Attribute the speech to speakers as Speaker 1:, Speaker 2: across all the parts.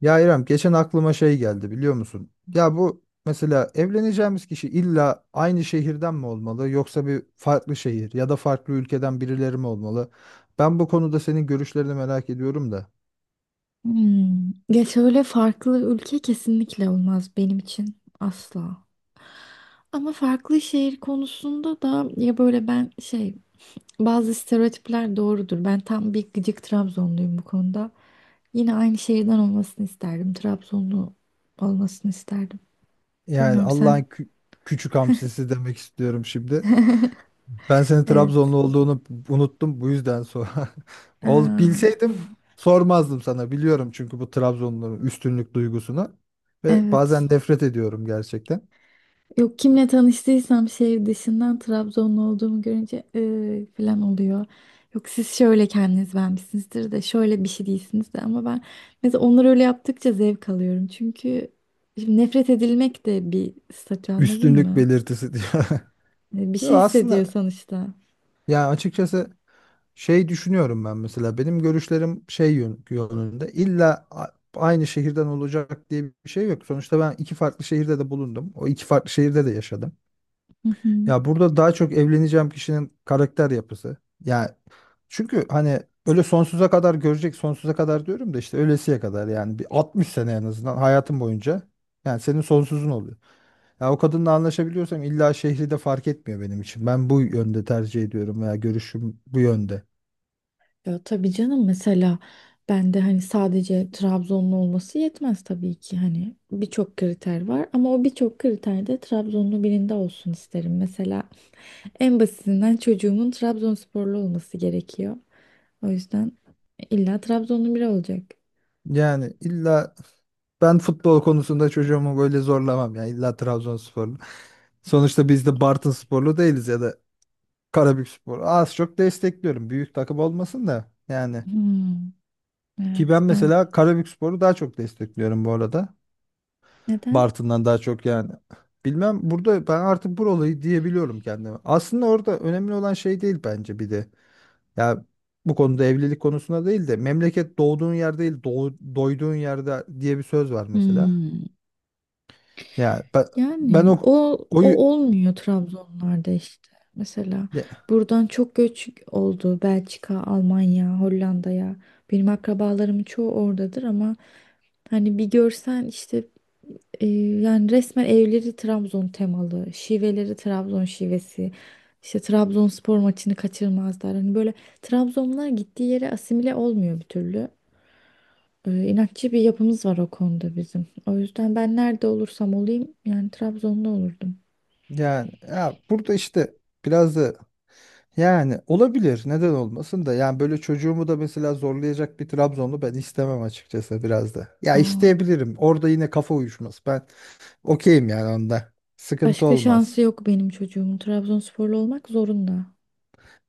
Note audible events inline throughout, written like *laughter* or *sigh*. Speaker 1: Ya İrem geçen aklıma şey geldi biliyor musun? Ya bu mesela evleneceğimiz kişi illa aynı şehirden mi olmalı yoksa bir farklı şehir ya da farklı ülkeden birileri mi olmalı? Ben bu konuda senin görüşlerini merak ediyorum da.
Speaker 2: Hmm. Ya şöyle farklı ülke kesinlikle olmaz benim için asla. Ama farklı şehir konusunda da ya böyle ben bazı stereotipler doğrudur. Ben tam bir gıcık Trabzonluyum bu konuda. Yine aynı şehirden olmasını isterdim. Trabzonlu olmasını isterdim.
Speaker 1: Yani
Speaker 2: Bilmiyorum sen.
Speaker 1: Allah'ın küçük hamsisi demek istiyorum şimdi. Ben senin
Speaker 2: Evet.
Speaker 1: Trabzonlu olduğunu unuttum bu yüzden sonra. *laughs* Ol,
Speaker 2: Aa,
Speaker 1: bilseydim sormazdım sana biliyorum çünkü bu Trabzonluların üstünlük duygusuna ve
Speaker 2: evet.
Speaker 1: bazen nefret ediyorum gerçekten.
Speaker 2: Yok kimle tanıştıysam şehir dışından Trabzonlu olduğumu görünce falan oluyor. Yok siz şöyle kendiniz vermişsinizdir de şöyle bir şey değilsiniz de ama ben mesela onları öyle yaptıkça zevk alıyorum. Çünkü şimdi nefret edilmek de bir statü, anladın
Speaker 1: Üstünlük
Speaker 2: mı?
Speaker 1: belirtisi diyor.
Speaker 2: Bir
Speaker 1: *laughs* Yo
Speaker 2: şey
Speaker 1: aslında
Speaker 2: hissediyor sonuçta.
Speaker 1: yani açıkçası şey düşünüyorum ben mesela benim görüşlerim şey yönünde illa aynı şehirden olacak diye bir şey yok. Sonuçta ben iki farklı şehirde de bulundum. O iki farklı şehirde de yaşadım.
Speaker 2: Hı hı.
Speaker 1: Ya burada daha çok evleneceğim kişinin karakter yapısı. Ya çünkü hani öyle sonsuza kadar görecek, sonsuza kadar diyorum da işte ölesiye kadar yani bir 60 sene en azından hayatın boyunca yani senin sonsuzun oluyor. Ya o kadınla anlaşabiliyorsam illa şehri de fark etmiyor benim için. Ben bu yönde tercih ediyorum veya görüşüm bu yönde.
Speaker 2: Ya tabii canım, mesela ben de hani sadece Trabzonlu olması yetmez tabii ki, hani birçok kriter var ama o birçok kriterde Trabzonlu birinde olsun isterim. Mesela en basitinden çocuğumun Trabzonsporlu olması gerekiyor. O yüzden illa Trabzonlu biri olacak.
Speaker 1: Yani illa ben futbol konusunda çocuğumu böyle zorlamam ya. İlla Trabzonsporlu. *laughs* Sonuçta biz de Bartınsporlu değiliz ya da Karabükspor. Az çok destekliyorum. Büyük takım olmasın da yani.
Speaker 2: Hmm,
Speaker 1: Ki ben
Speaker 2: evet ben.
Speaker 1: mesela Karabükspor'u daha çok destekliyorum bu arada.
Speaker 2: Neden?
Speaker 1: Bartın'dan daha çok yani. Bilmem burada ben artık buralıyı diyebiliyorum kendime. Aslında orada önemli olan şey değil bence bir de. Ya bu konuda evlilik konusunda değil de memleket doğduğun yer değil doyduğun yerde diye bir söz var mesela.
Speaker 2: Hmm,
Speaker 1: Ya ben
Speaker 2: yani
Speaker 1: o
Speaker 2: o,
Speaker 1: koyu
Speaker 2: o olmuyor Trabzonlarda işte. Mesela
Speaker 1: ya,
Speaker 2: buradan çok göç oldu Belçika, Almanya, Hollanda'ya. Benim akrabalarımın çoğu oradadır ama hani bir görsen işte. Ee, Yani resmen evleri Trabzon temalı, şiveleri Trabzon şivesi. İşte Trabzonspor maçını kaçırmazlar. Hani böyle Trabzonlar gittiği yere asimile olmuyor bir türlü. İnatçı bir yapımız var o konuda bizim. O yüzden ben nerede olursam olayım yani Trabzon'da olurdum.
Speaker 1: yani ya burada işte biraz da yani olabilir. Neden olmasın da. Yani böyle çocuğumu da mesela zorlayacak bir Trabzonlu ben istemem açıkçası biraz da. Ya
Speaker 2: Aa,
Speaker 1: isteyebilirim. Orada yine kafa uyuşmaz. Ben okeyim yani onda. Sıkıntı
Speaker 2: başka
Speaker 1: olmaz.
Speaker 2: şansı yok benim çocuğumun. Trabzonsporlu olmak zorunda.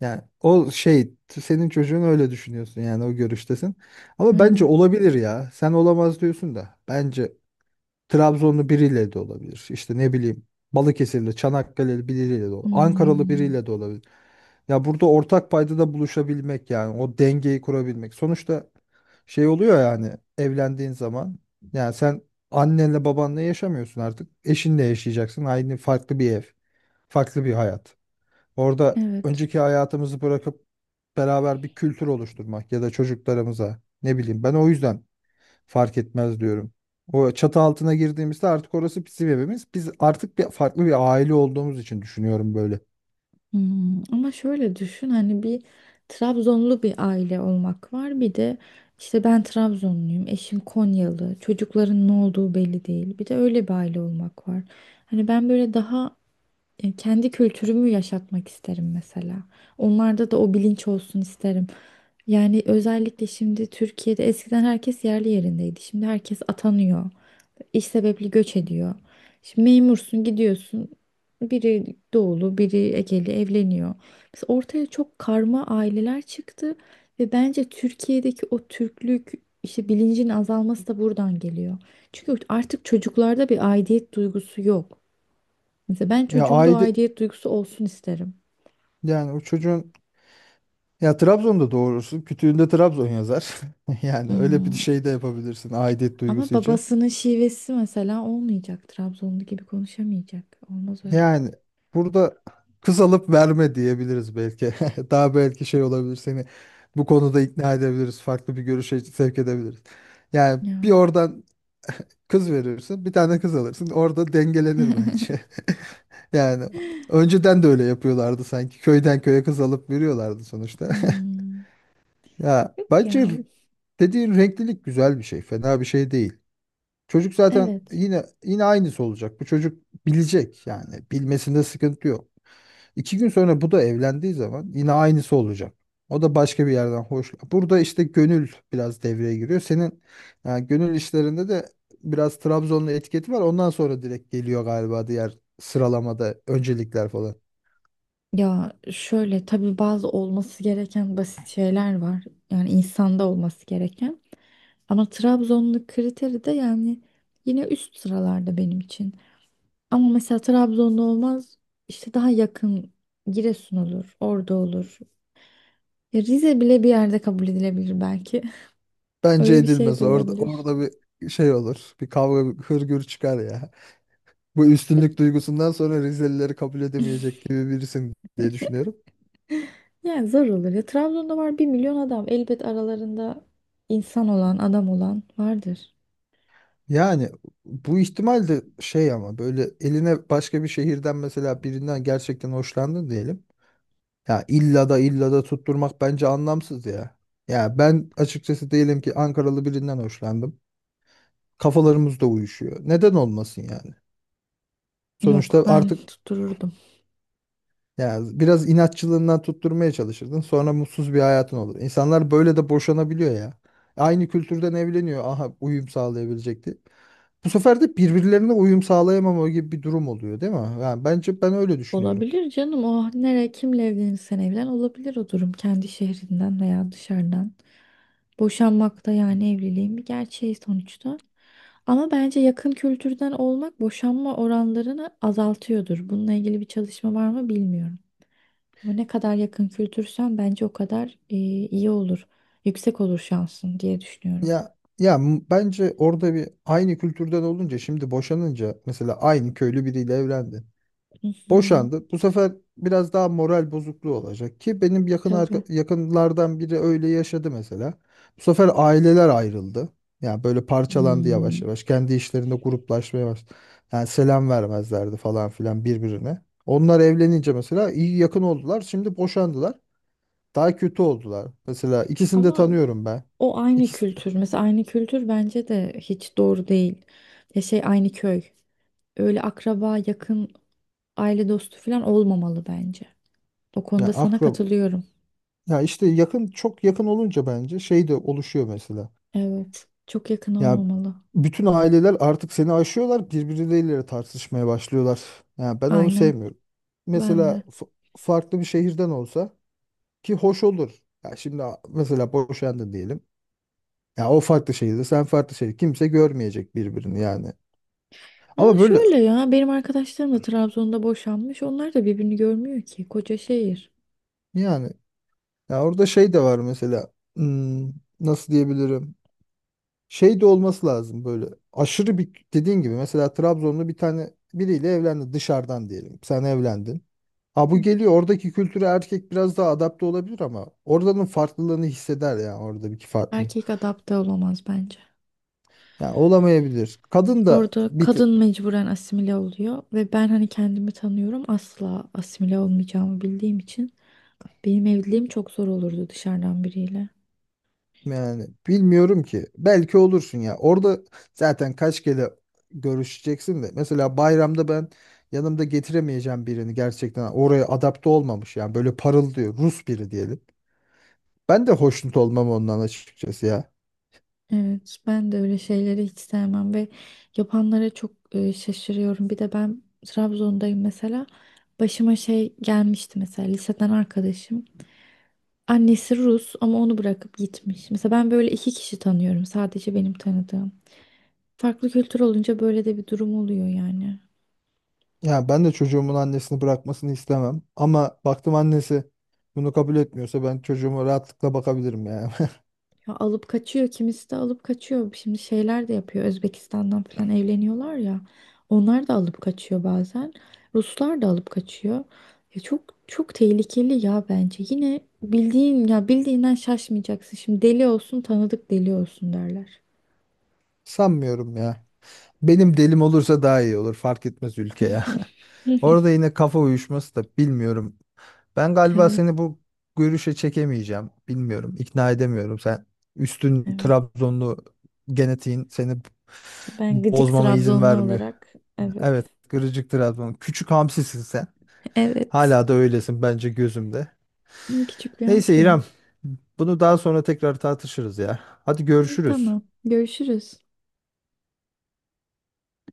Speaker 1: Yani o şey senin çocuğun öyle düşünüyorsun yani o görüştesin. Ama bence
Speaker 2: Aynen.
Speaker 1: olabilir ya. Sen olamaz diyorsun da. Bence Trabzonlu biriyle de olabilir. İşte ne bileyim Balıkesirli, Çanakkale'li biriyle de olabilir. Ankaralı
Speaker 2: Hmm.
Speaker 1: biriyle de olabilir. Ya burada ortak paydada buluşabilmek yani o dengeyi kurabilmek. Sonuçta şey oluyor yani evlendiğin zaman yani sen annenle babanla yaşamıyorsun artık. Eşinle yaşayacaksın. Aynı farklı bir ev, farklı bir hayat. Orada
Speaker 2: Evet.
Speaker 1: önceki hayatımızı bırakıp beraber bir kültür oluşturmak ya da çocuklarımıza ne bileyim ben o yüzden fark etmez diyorum. O çatı altına girdiğimizde artık orası bizim evimiz. Biz artık bir farklı bir aile olduğumuz için düşünüyorum böyle.
Speaker 2: Ama şöyle düşün, hani bir Trabzonlu bir aile olmak var, bir de işte ben Trabzonluyum, eşim Konyalı, çocukların ne olduğu belli değil, bir de öyle bir aile olmak var. Hani ben böyle daha kendi kültürümü yaşatmak isterim mesela, onlarda da o bilinç olsun isterim. Yani özellikle şimdi Türkiye'de eskiden herkes yerli yerindeydi, şimdi herkes atanıyor, İş sebebiyle göç ediyor. Şimdi memursun, gidiyorsun. Biri doğulu, biri Egeli evleniyor. Mesela ortaya çok karma aileler çıktı ve bence Türkiye'deki o Türklük işte bilincin azalması da buradan geliyor. Çünkü artık çocuklarda bir aidiyet duygusu yok. Mesela ben
Speaker 1: Ya
Speaker 2: çocuğumda o
Speaker 1: aile
Speaker 2: aidiyet duygusu olsun isterim.
Speaker 1: yani o çocuğun ya Trabzon'da doğurursun. Kütüğünde Trabzon yazar. *laughs* Yani öyle bir
Speaker 2: Hmm,
Speaker 1: şey de yapabilirsin aidiyet
Speaker 2: Ama
Speaker 1: duygusu için.
Speaker 2: babasının şivesi mesela olmayacak. Trabzonlu gibi konuşamayacak. Olmaz öyle.
Speaker 1: Yani burada kız alıp verme diyebiliriz belki. *laughs* Daha belki şey olabilir seni bu konuda ikna edebiliriz. Farklı bir görüşe sevk edebiliriz. Yani
Speaker 2: Ya.
Speaker 1: bir oradan kız verirsin, bir tane kız alırsın. Orada dengelenir bence. *laughs* Yani
Speaker 2: *gasps*
Speaker 1: önceden de öyle yapıyorlardı sanki. Köyden köye kız alıp veriyorlardı sonuçta. *laughs*
Speaker 2: Hmm,
Speaker 1: Ya
Speaker 2: yok
Speaker 1: bence
Speaker 2: ya.
Speaker 1: dediğin renklilik güzel bir şey. Fena bir şey değil. Çocuk zaten
Speaker 2: Evet.
Speaker 1: yine yine aynısı olacak. Bu çocuk bilecek yani. Bilmesinde sıkıntı yok. İki gün sonra bu da evlendiği zaman yine aynısı olacak. O da başka bir yerden hoş. Burada işte gönül biraz devreye giriyor. Senin yani gönül işlerinde de biraz Trabzonlu etiketi var. Ondan sonra direkt geliyor galiba diğer sıralamada öncelikler falan.
Speaker 2: Ya şöyle tabii bazı olması gereken basit şeyler var. Yani insanda olması gereken. Ama Trabzonlu kriteri de yani yine üst sıralarda benim için. Ama mesela Trabzonlu olmaz, işte daha yakın Giresun olur, Ordu olur. Ya Rize bile bir yerde kabul edilebilir belki. *laughs*
Speaker 1: Bence
Speaker 2: Öyle bir şey
Speaker 1: edilmez.
Speaker 2: de
Speaker 1: Orada
Speaker 2: olabilir.
Speaker 1: orada bir şey olur. Bir kavga, bir hırgür çıkar ya. Bu
Speaker 2: Ve
Speaker 1: üstünlük duygusundan sonra Rizelileri kabul edemeyecek gibi birisin diye düşünüyorum.
Speaker 2: yani zor olur. Ya Trabzon'da var bir milyon adam. Elbet aralarında insan olan, adam olan vardır.
Speaker 1: Yani bu ihtimal de şey ama böyle eline başka bir şehirden mesela birinden gerçekten hoşlandın diyelim. Ya illa da illa da tutturmak bence anlamsız ya. Ya ben açıkçası diyelim ki Ankaralı birinden hoşlandım. Kafalarımız da uyuşuyor. Neden olmasın yani?
Speaker 2: Yok,
Speaker 1: Sonuçta
Speaker 2: ben
Speaker 1: artık
Speaker 2: tuttururdum.
Speaker 1: ya biraz inatçılığından tutturmaya çalışırdın. Sonra mutsuz bir hayatın olur. İnsanlar böyle de boşanabiliyor ya. Aynı kültürden evleniyor. Aha uyum sağlayabilecekti. Bu sefer de birbirlerine uyum sağlayamama gibi bir durum oluyor değil mi? Yani bence ben öyle düşünüyorum.
Speaker 2: Olabilir canım, o nereye kimle evlenirsen evlen olabilir o durum, kendi şehrinden veya dışarıdan. Boşanmak da yani evliliğin bir gerçeği sonuçta. Ama bence yakın kültürden olmak boşanma oranlarını azaltıyordur. Bununla ilgili bir çalışma var mı bilmiyorum. Ama ne kadar yakın kültürsen bence o kadar iyi olur. Yüksek olur şansın diye düşünüyorum.
Speaker 1: Ya bence orada bir aynı kültürden olunca şimdi boşanınca mesela aynı köylü biriyle evlendin.
Speaker 2: Hı hı,
Speaker 1: Boşandı. Bu sefer biraz daha moral bozukluğu olacak ki benim yakın
Speaker 2: tabii.
Speaker 1: yakınlardan biri öyle yaşadı mesela. Bu sefer aileler ayrıldı. Yani böyle parçalandı yavaş
Speaker 2: Hmm.
Speaker 1: yavaş. Kendi işlerinde gruplaşmaya başladı. Yani selam vermezlerdi falan filan birbirine. Onlar evlenince mesela iyi yakın oldular. Şimdi boşandılar. Daha kötü oldular. Mesela ikisini de
Speaker 2: Ama
Speaker 1: tanıyorum ben.
Speaker 2: o aynı
Speaker 1: İkisi de.
Speaker 2: kültür. Mesela aynı kültür bence de hiç doğru değil. Ya şey aynı köy. Öyle akraba, yakın, aile dostu falan olmamalı bence. O
Speaker 1: Ya
Speaker 2: konuda sana
Speaker 1: akrab.
Speaker 2: katılıyorum.
Speaker 1: Ya işte yakın çok yakın olunca bence şey de oluşuyor mesela.
Speaker 2: Evet. Çok yakın
Speaker 1: Ya
Speaker 2: olmamalı.
Speaker 1: bütün aileler artık seni aşıyorlar, birbirleriyle tartışmaya başlıyorlar. Ya ben onu
Speaker 2: Aynen.
Speaker 1: sevmiyorum.
Speaker 2: Ben
Speaker 1: Mesela
Speaker 2: de.
Speaker 1: farklı bir şehirden olsa ki hoş olur. Ya şimdi mesela boşandın diyelim. Ya o farklı şehirde, sen farklı şehir, kimse görmeyecek birbirini yani.
Speaker 2: Ama
Speaker 1: Ama böyle
Speaker 2: şöyle ya, benim arkadaşlarım da Trabzon'da boşanmış. Onlar da birbirini görmüyor ki. Koca şehir.
Speaker 1: yani ya orada şey de var mesela. Nasıl diyebilirim? Şey de olması lazım böyle aşırı bir dediğin gibi mesela Trabzonlu bir tane biriyle evlendi dışarıdan diyelim. Sen evlendin. Ha bu
Speaker 2: Hı.
Speaker 1: geliyor oradaki kültüre erkek biraz daha adapte olabilir ama oradanın farklılığını hisseder yani oradaki farklılığı.
Speaker 2: Erkek adapte olamaz bence.
Speaker 1: Yani olamayabilir. Kadın da
Speaker 2: Orada
Speaker 1: bir tık
Speaker 2: kadın mecburen asimile oluyor ve ben hani kendimi tanıyorum, asla asimile olmayacağımı bildiğim için benim evliliğim çok zor olurdu dışarıdan biriyle.
Speaker 1: yani bilmiyorum ki belki olursun ya. Orada zaten kaç kere görüşeceksin de mesela bayramda ben yanımda getiremeyeceğim birini gerçekten oraya adapte olmamış yani böyle parıl diyor Rus biri diyelim. Ben de hoşnut olmam ondan açıkçası ya.
Speaker 2: Evet, ben de öyle şeyleri hiç sevmem ve yapanlara çok şaşırıyorum. Bir de ben Trabzon'dayım mesela. Başıma şey gelmişti, mesela liseden arkadaşım. Annesi Rus ama onu bırakıp gitmiş. Mesela ben böyle iki kişi tanıyorum. Sadece benim tanıdığım. Farklı kültür olunca böyle de bir durum oluyor yani.
Speaker 1: Ya ben de çocuğumun annesini bırakmasını istemem. Ama baktım annesi bunu kabul etmiyorsa ben çocuğuma rahatlıkla bakabilirim ya.
Speaker 2: Ya alıp kaçıyor. Kimisi de alıp kaçıyor. Şimdi şeyler de yapıyor. Özbekistan'dan falan evleniyorlar ya. Onlar da alıp kaçıyor bazen. Ruslar da alıp kaçıyor. Ya çok çok tehlikeli ya bence. Yine bildiğin, ya bildiğinden şaşmayacaksın. Şimdi deli olsun tanıdık deli olsun derler.
Speaker 1: *laughs* Sanmıyorum ya. Benim delim olursa daha iyi olur. Fark etmez ülke ya. *laughs* Orada
Speaker 2: *laughs*
Speaker 1: yine kafa uyuşması da bilmiyorum. Ben galiba
Speaker 2: Evet,
Speaker 1: seni bu görüşe çekemeyeceğim. Bilmiyorum. İkna edemiyorum. Sen üstün
Speaker 2: evet.
Speaker 1: Trabzonlu genetiğin seni
Speaker 2: Ben gıcık
Speaker 1: bozmama izin
Speaker 2: Trabzonlu
Speaker 1: vermiyor.
Speaker 2: olarak,
Speaker 1: Evet.
Speaker 2: evet.
Speaker 1: Gırıcık Trabzon. Küçük hamsisin sen.
Speaker 2: Evet.
Speaker 1: Hala da öylesin bence gözümde.
Speaker 2: Küçük bir
Speaker 1: Neyse
Speaker 2: hamsiyim.
Speaker 1: İrem, bunu daha sonra tekrar tartışırız ya. Hadi görüşürüz.
Speaker 2: Tamam. Görüşürüz.